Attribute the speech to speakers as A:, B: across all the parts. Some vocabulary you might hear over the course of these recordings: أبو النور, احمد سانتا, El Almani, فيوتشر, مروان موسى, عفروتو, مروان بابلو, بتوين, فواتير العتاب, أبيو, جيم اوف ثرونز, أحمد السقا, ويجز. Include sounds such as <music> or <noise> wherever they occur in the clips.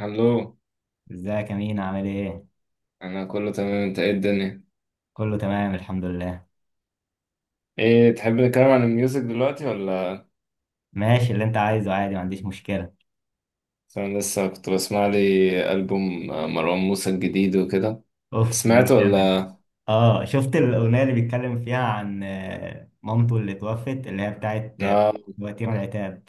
A: الو.
B: ازيك يا مين، عامل ايه؟
A: انا كله تمام، انت ايه الدنيا؟
B: كله تمام، الحمد لله.
A: ايه تحب نتكلم عن الميوزك دلوقتي ولا؟
B: ماشي، اللي انت عايزه عادي، ما عنديش مشكلة.
A: عشان انا لسه كنت بسمع لي البوم مروان موسى الجديد وكده.
B: اوف، ده
A: سمعته
B: جامد.
A: ولا؟
B: اه، شفت الأغنية اللي بيتكلم فيها عن مامته اللي توفت، اللي هي بتاعت
A: اه،
B: وتيرة العتاب.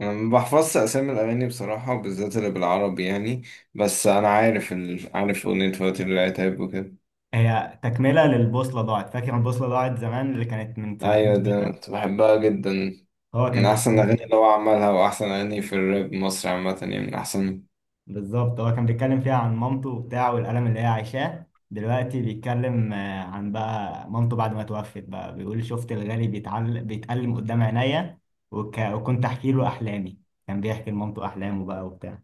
A: انا ما بحفظش اسامي الاغاني بصراحه، بالذات اللي بالعربي يعني. بس انا عارف عارف اغنيه فواتير العتاب وكده.
B: هي تكملة للبوصلة ضاعت، فاكر البوصلة ضاعت زمان اللي كانت من
A: ايوه
B: سنتين
A: ده
B: ثلاثة.
A: كنت بحبها جدا،
B: هو
A: من
B: كان
A: احسن
B: بيتكلم.
A: الاغاني اللي هو عملها، واحسن اغاني في الراب مصر عامه يعني، من احسن.
B: بالظبط، هو كان بيتكلم فيها عن مامته وبتاع والألم اللي هي عايشاه دلوقتي. بيتكلم عن بقى مامته بعد ما توفت بقى، بيقول شفت الغالي بيتألم قدام عينيا. وكنت أحكي له أحلامي. كان بيحكي لمامته أحلامه بقى وبتاع.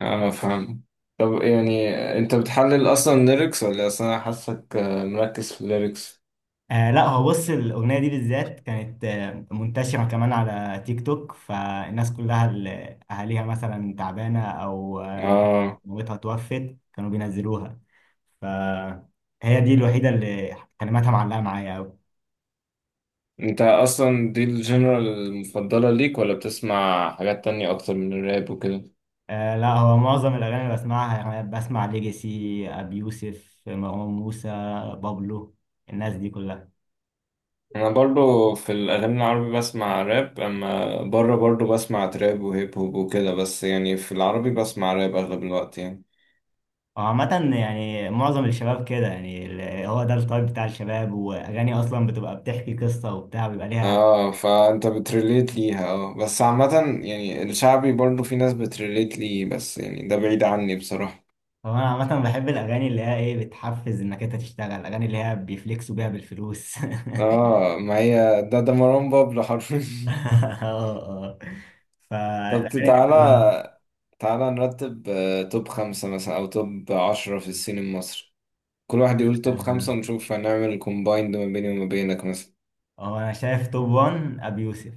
A: اه فاهم. طب يعني انت بتحلل اصلا ليركس، ولا اصلا انا حاسك مركز في الليركس؟
B: آه لا، هو بص، الأغنية دي بالذات كانت منتشرة كمان على تيك توك، فالناس كلها اللي أهاليها مثلا تعبانة أو
A: اه،
B: مامتها توفت كانوا بينزلوها. فهي دي الوحيدة اللي كلماتها معلقة معايا أوي.
A: انت اصلا دي الجنرال المفضلة ليك ولا بتسمع حاجات تانية اكتر من الراب وكده؟
B: آه لا، هو معظم الأغاني اللي بسمعها يعني بسمع ليجاسي، أبي يوسف، مروان موسى، بابلو، الناس دي كلها.
A: انا برضو في الاغاني العربي بسمع راب، اما بره برضو بسمع تراب وهيب هوب وكده، بس يعني في العربي بسمع راب اغلب الوقت يعني.
B: هو عامة يعني معظم الشباب كده، يعني هو ده التايب بتاع الشباب، وأغاني أصلا بتبقى بتحكي قصة وبتاع بيبقى ليها.
A: اه فانت بتريليت ليها، اه بس عامة يعني الشعبي برضو في ناس بتريليت ليه، بس يعني ده بعيد عني بصراحة.
B: هو أنا عامة بحب الأغاني اللي هي إيه، بتحفز إنك أنت تشتغل، الأغاني اللي هي بيفلكسوا بيها بالفلوس. <laughs>
A: اه ما هي ده مروان بابلو حرفيا.
B: اه. اه.
A: <laughs> طب
B: فالأغاني دي كلها.
A: تعالى، تعالى نرتب توب خمسة مثلا أو توب عشرة في السين المصري. كل واحد يقول توب
B: آه،
A: خمسة ونشوف هنعمل كومبايند ما بيني وما بينك مثلا.
B: هو أنا شايف توب 1 أبي يوسف.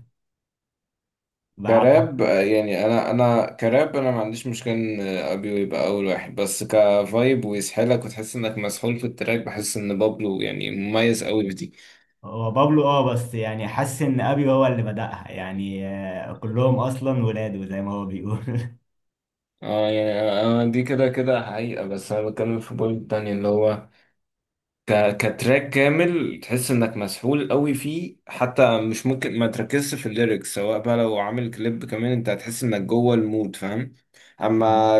A: كراب، يعني أنا كراب، أنا ما عنديش مشكلة إن أبيو يبقى أول واحد، بس كفايب ويسحلك وتحس إنك مسحول في التراك. بحس إن بابلو يعني مميز أوي بدي.
B: هو بابلو، اه، بس يعني حاسس ان ابي هو اللي بدأها، يعني كلهم اصلا ولاده زي ما هو بيقول. <laughs>
A: اه يعني، أنا دي كده كده حقيقة، بس أنا بتكلم في بوينت تانية اللي هو كتراك كامل تحس انك مسحول قوي فيه، حتى مش ممكن ما تركزش في الليركس، سواء بقى لو عامل كليب كمان انت هتحس انك جوه المود فاهم. اما
B: نعم.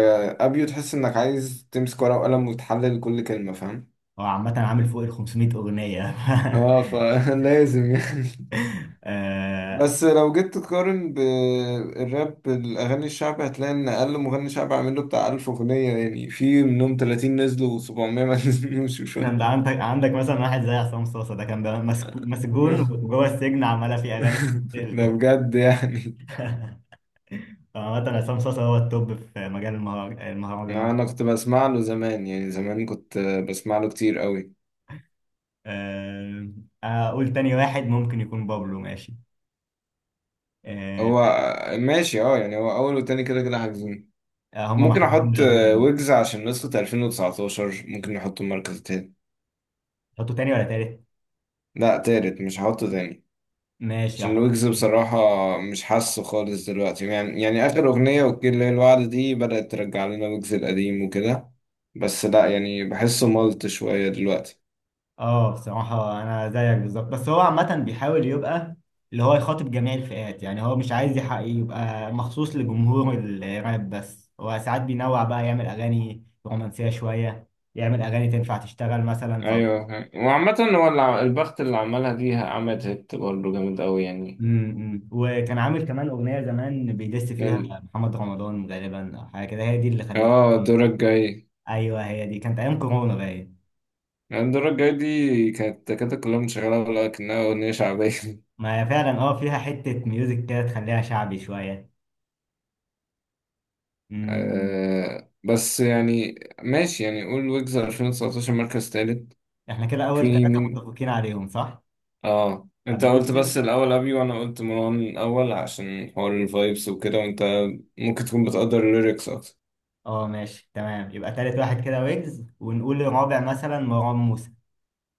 A: ابيو تحس انك عايز تمسك ورقة وقلم وتحلل كل كلمة فاهم.
B: هو عامة عامل فوق ال 500 اغنية. <laughs>
A: اه فلازم <laughs> يعني.
B: آه،
A: بس لو جيت تقارن بالراب، الأغاني الشعبي هتلاقي إن أقل مغني شعبي عامل له بتاع ألف أغنية يعني، في منهم تلاتين نزلوا وسبعمية <laughs> ما نزلوش وشوية
B: انا
A: <laughs>
B: عندك مثلا واحد زي عصام صاصا، ده كان بقى مسجون وجوه السجن عمالة فيه اغاني
A: ده
B: بتتقال.
A: بجد يعني.
B: <laughs> فعامة عصام صاصا هو التوب في مجال المهرجانات.
A: انا كنت بسمع له زمان، يعني زمان كنت بسمع له كتير قوي.
B: آه، اقول تاني واحد ممكن يكون بابلو، ماشي. آه،
A: هو ماشي، اه يعني هو اول وتاني كده كده حاجزين.
B: هما
A: ممكن
B: محبوبين
A: احط
B: بابلو.
A: ويجز عشان نسخة 2019، ممكن نحطه المركز التاني.
B: حطوا تاني ولا تالت؟
A: لا تالت، مش هحطه تاني
B: ماشي،
A: عشان
B: هحط.
A: ويجز بصراحة مش حاسه خالص دلوقتي يعني. يعني آخر أغنية وكيل الليل الوعد دي بدأت ترجع لنا ويجز القديم وكده، بس لا يعني بحسه ملط شوية دلوقتي.
B: اه بصراحة أنا زيك بالظبط، بس هو عامة بيحاول يبقى اللي هو يخاطب جميع الفئات، يعني هو مش عايز يحقق يبقى مخصوص لجمهور الراب بس، هو ساعات بينوع بقى، يعمل أغاني رومانسية شوية، يعمل أغاني تنفع تشتغل مثلا ف...
A: ايوه، وعامة هو البخت اللي عملها دي عملت هيت برضه جامد قوي يعني.
B: وكان عامل كمان أغنية زمان بيدس فيها
A: ال-
B: محمد رمضان غالبا أو حاجة كده، هي دي اللي خلته
A: اه
B: كتير.
A: الدورة الجاية،
B: أيوه، هي دي كانت أيام كورونا باين.
A: يعني الدورة الجاية دي كانت كلها مشغلة ولا كأنها أغنية شعبية؟
B: ما هي فعلا، اه، فيها حتة ميوزك كده تخليها شعبي شوية.
A: <laughs> آه بس يعني ماشي، يعني قول ويجز 2019 مركز تالت.
B: احنا كده اول
A: في
B: ثلاثة
A: مين؟
B: متفقين عليهم، صح؟
A: اه انت
B: ابو
A: قلت
B: يوسف.
A: بس الأول أبي، وأنا قلت مروان الأول عشان حوار الفايبس وكده، وانت ممكن تكون بتقدر الليركس أكتر.
B: اه ماشي تمام، يبقى تالت واحد كده ويجز، ونقول الرابع مثلا مروان موسى.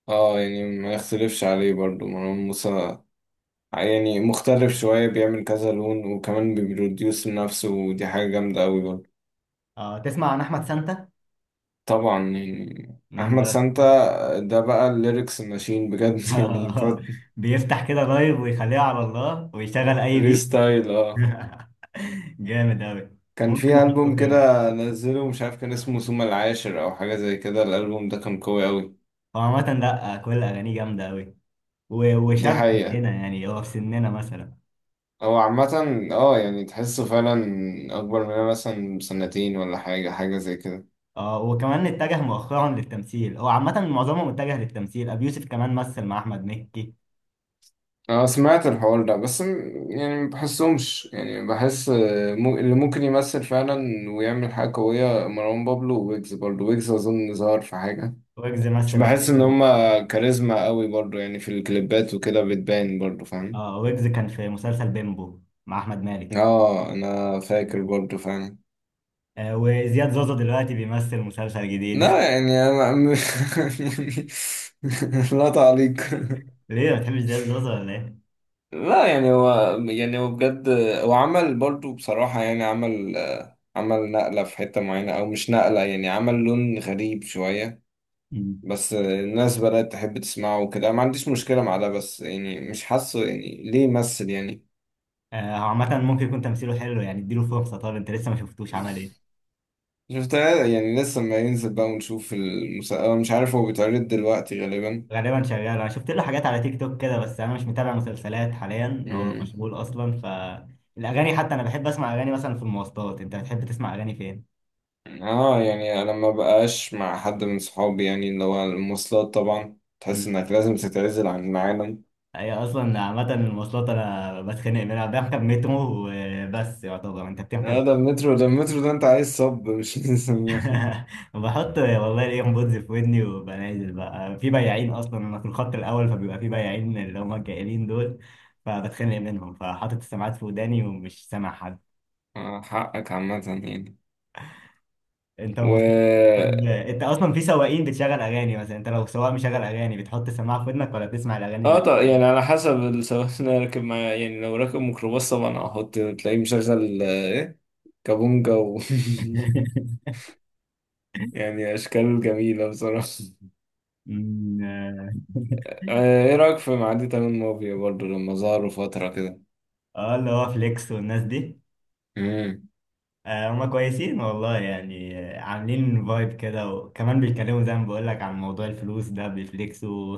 A: اه يعني ما يختلفش عليه برضو مروان موسى، يعني مختلف شوية، بيعمل كذا لون وكمان بيبروديوس نفسه، ودي حاجة جامدة أوي برضو.
B: اه، تسمع عن احمد سانتا؟
A: طبعا يعني
B: من
A: احمد
B: ده.
A: سانتا ده بقى الليركس ماشين بجد <laughs> يعني
B: <laughs>
A: تقعد
B: بيفتح كده لايف ويخليها على الله ويشغل اي بيت.
A: ريستايل اه.
B: <laughs> جامد اوي.
A: كان
B: ممكن
A: في
B: احطه
A: البوم
B: خامس.
A: كده نزله، مش عارف كان اسمه ثم العاشر او حاجه زي كده، الالبوم ده كان قوي قوي.
B: هو عامة لا، كل اغانيه جامدة اوي.
A: دي
B: وشاب
A: حقيقه.
B: هنا، يعني هو في سننا مثلا.
A: هو عامه، اه يعني تحسه فعلا اكبر مننا مثلا بسنتين ولا حاجه، حاجه زي كده.
B: اه، وكمان اتجه مؤخرا للتمثيل. هو عامة معظمهم اتجه للتمثيل، ابو يوسف كمان مثل مع احمد مكي.
A: اه سمعت الحوار ده، بس يعني ما بحسهمش، يعني بحس اللي ممكن يمثل فعلا ويعمل حاجه قويه مروان بابلو وويجز برضه. ويجز اظن ظهر في حاجه.
B: ويجز
A: مش
B: مثل
A: بحس
B: مسلسل.
A: ان هما كاريزما قوي برضو يعني، في الكليبات وكده بتبان برضو فاهم.
B: اه، ويجز كان في مسلسل بيمبو مع احمد مالك.
A: اه انا فاكر برضو فعلا.
B: آه، وزياد زوزو دلوقتي بيمثل مسلسل جديد.
A: لا يعني انا <laughs> لا تعليق.
B: <laughs> ليه ما بتحبش زياد زوزو، ولا ايه؟
A: لا يعني هو، يعني هو بجد هو عمل برضو بصراحة، يعني عمل عمل نقلة في حتة معينة، او مش نقلة يعني عمل لون غريب شوية.
B: مم.
A: بس الناس بدأت تحب تسمعه وكده، ما عنديش مشكلة مع ده، بس يعني مش حاسه يعني ليه يمثل يعني.
B: آه، هو عامة ممكن يكون تمثيله حلو، يعني اديله فرصة. طب انت لسه ما شفتوش عمل ايه؟
A: شفتها يعني، لسه ما ينزل بقى ونشوف المسلسل، مش عارف هو بيتعرض دلوقتي غالبا.
B: غالبا شغال، انا شفت له حاجات على تيك توك كده، بس انا مش متابع مسلسلات حاليا. هو
A: امم.
B: مشغول اصلا ف الاغاني. حتى انا بحب اسمع اغاني مثلا في المواصلات. انت بتحب تسمع اغاني فين؟
A: اه يعني انا ما بقاش مع حد من صحابي، يعني اللي هو المواصلات طبعا تحس
B: مم.
A: انك لازم تتعزل عن العالم.
B: هي اصلا عامة المواصلات انا بتخانق منها. <laughs> بركب مترو وبس، يعتبر انت بتركب.
A: اه ده المترو، ده المترو ده انت عايز صب مش <laughs> لازم.
B: <laughs> بحط والله الايربودز في ودني، وببقى نازل بقى في بياعين، اصلا انا في الخط الاول فبيبقى في بياعين اللي هم الجائلين دول. فبتخانق منهم، فحاطط السماعات في وداني ومش سامع حد.
A: حقك عامة يعني.
B: انت ومواصلاتك.
A: و
B: بتجيب- <laughs> انت اصلا في سواقين بتشغل اغاني مثلا؟ انت لو سواق مشغل اغاني، بتحط السماعه في ودنك ولا بتسمع الاغاني
A: اه،
B: اللي...
A: طب يعني على حسب السواق اللي أنا راكب معاه يعني، لو راكب ميكروباص طبعا هحط تلاقيه مشغل ايه، كابونجا و
B: <laughs>
A: <laughs> يعني اشكال جميلة بصراحة.
B: اه.
A: ايه رأيك في معدي تمام موفي برضه لما ظهروا فترة كده؟
B: اللي هو فليكس والناس دي.
A: امم.
B: هما كويسين والله، يعني عاملين فايب كده، وكمان بيتكلموا زي ما بقول لك عن موضوع الفلوس ده بيفليكسوا.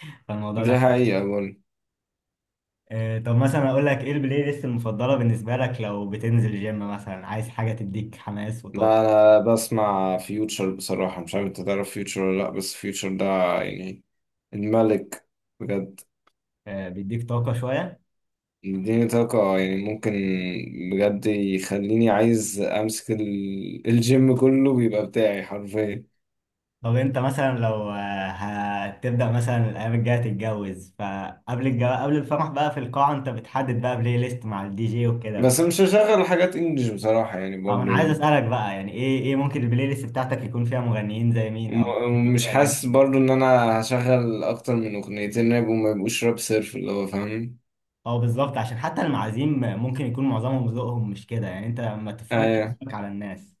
B: <laughs> فالموضوع ده.
A: دي حقيقة برضه.
B: طب مثلا اقول لك ايه البلاي ليست المفضله بالنسبه لك لو بتنزل جيم مثلا، عايز حاجه تديك حماس وطاقه؟
A: لا انا بسمع فيوتشر بصراحة، مش عارف انت تعرف فيوتشر ولا لا، بس فيوتشر ده يعني الملك بجد.
B: بيديك طاقه شويه.
A: مديني طاقة يعني، ممكن بجد يخليني عايز امسك الجيم كله بيبقى بتاعي حرفيا.
B: طب انت مثلا لو هتبدا مثلا الايام الجايه تتجوز، قبل الفرح بقى في القاعه، انت بتحدد بقى بلاي ليست مع الدي جي وكده ف...
A: بس مش هشغل حاجات انجلش بصراحة يعني برضه
B: انا عايز
A: يعني.
B: اسالك بقى، يعني ايه ممكن البلاي ليست بتاعتك يكون فيها مغنيين زي مين، او ممكن يبقى
A: ومش
B: فيها اغاني
A: حاسس
B: مين؟
A: برضه ان انا هشغل اكتر من اغنيتين راب، وما يبقوش راب صرف اللي هو فاهم.
B: اه بالظبط، عشان حتى المعازيم ممكن يكون معظمهم ذوقهم مش كده، يعني انت ما تفرضش
A: ايوه
B: ذوقك على الناس.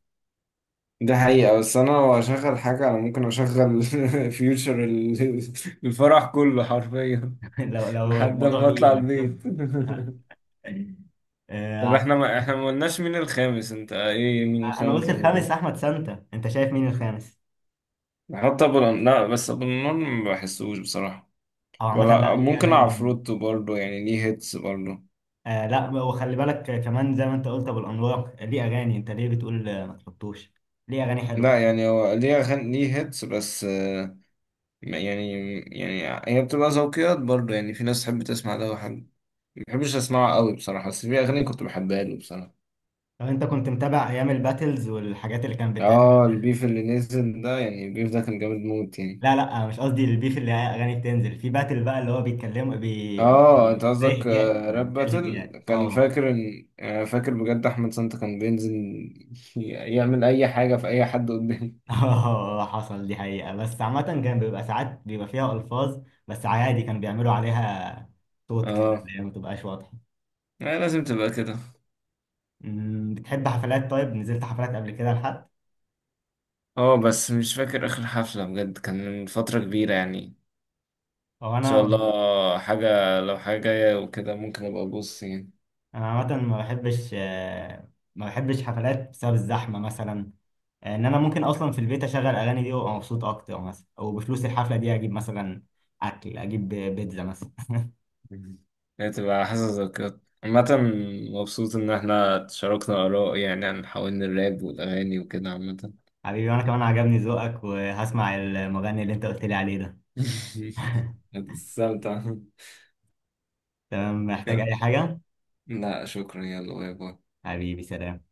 A: ده حقيقة، بس انا لو اشغل حاجة انا ممكن اشغل <laughs> فيوتشر الفرح كله حرفيا
B: <laughs> لو
A: <laughs>
B: لو
A: لحد
B: الموضوع
A: ما اطلع
B: بإيدك.
A: البيت.
B: آه،
A: <laughs> طب
B: آه،
A: احنا ما قلناش مين الخامس؟ انت ايه مين
B: انا قلت
A: الخامس الموضوع؟
B: الخامس احمد سانتا، انت شايف مين الخامس؟
A: نحط لا بس ابو النور ما بحسوش بصراحة،
B: او عامه لا،
A: ولا
B: ليه
A: ممكن
B: اغاني جامده.
A: عفروتو برضه يعني ليه هيتس برضه.
B: آه لا، وخلي بالك كمان زي ما انت قلت ابو الانوار ليه اغاني. انت ليه بتقول ما تحطوش؟ ليه اغاني حلوه.
A: لا يعني هو ليه أغاني ليه هيتس بس يعني، يعني هي بتبقى ذوقيات برضه، يعني في ناس تحب تسمع ده، وحد ما بحبش اسمعه قوي بصراحة، بس في اغاني كنت بحبها له بصراحة.
B: لو انت كنت متابع ايام الباتلز والحاجات اللي كانت بتعمل.
A: اه البيف اللي نزل ده، يعني البيف ده كان جامد موت يعني.
B: لا لا، مش قصدي البيف اللي هي اغاني بتنزل في باتل بقى اللي هو بيتكلموا
A: اه انت
B: زي
A: قصدك
B: هجاء كده،
A: راب
B: زي
A: باتل،
B: الهجاء.
A: كان
B: اه،
A: فاكر ان فاكر بجد احمد سانتا كان بينزل <laughs> يعمل اي حاجة في اي حد قدامي.
B: اه حصل، دي حقيقة، بس عامة كان بيبقى ساعات بيبقى فيها ألفاظ، بس عادي كان بيعملوا عليها صوت كده
A: اه.
B: اللي هي ما تبقاش واضحة.
A: لازم تبقى كده.
B: بتحب حفلات؟ طيب، نزلت حفلات قبل كده لحد...
A: اه بس مش فاكر اخر حفلة بجد، كان من فترة كبيرة يعني.
B: هو
A: ان شاء
B: أنا،
A: الله حاجة، لو حاجة جاية وكده ممكن ابقى ابص يعني.
B: أنا عامة ما بحبش ما بحبش حفلات بسبب الزحمة مثلا. إن أنا ممكن أصلا في البيت أشغل أغاني دي وأبقى مبسوط أكتر مثلا، أو بفلوس الحفلة دي أجيب مثلا أكل، أجيب بيتزا مثلا.
A: مم. هي تبقى حاسة ذكريات عامة. مبسوط ان احنا تشاركنا اراء يعني، عن حوالين الراب والاغاني وكده عامة.
B: حبيبي، وأنا كمان عجبني ذوقك وهسمع المغني اللي أنت قلت لي عليه ده.
A: <laughs>
B: <laughs>
A: استمتع.
B: تمام، محتاج أي حاجة؟
A: لا شكرا، يلا باي باي.
B: حبيبي، سلام.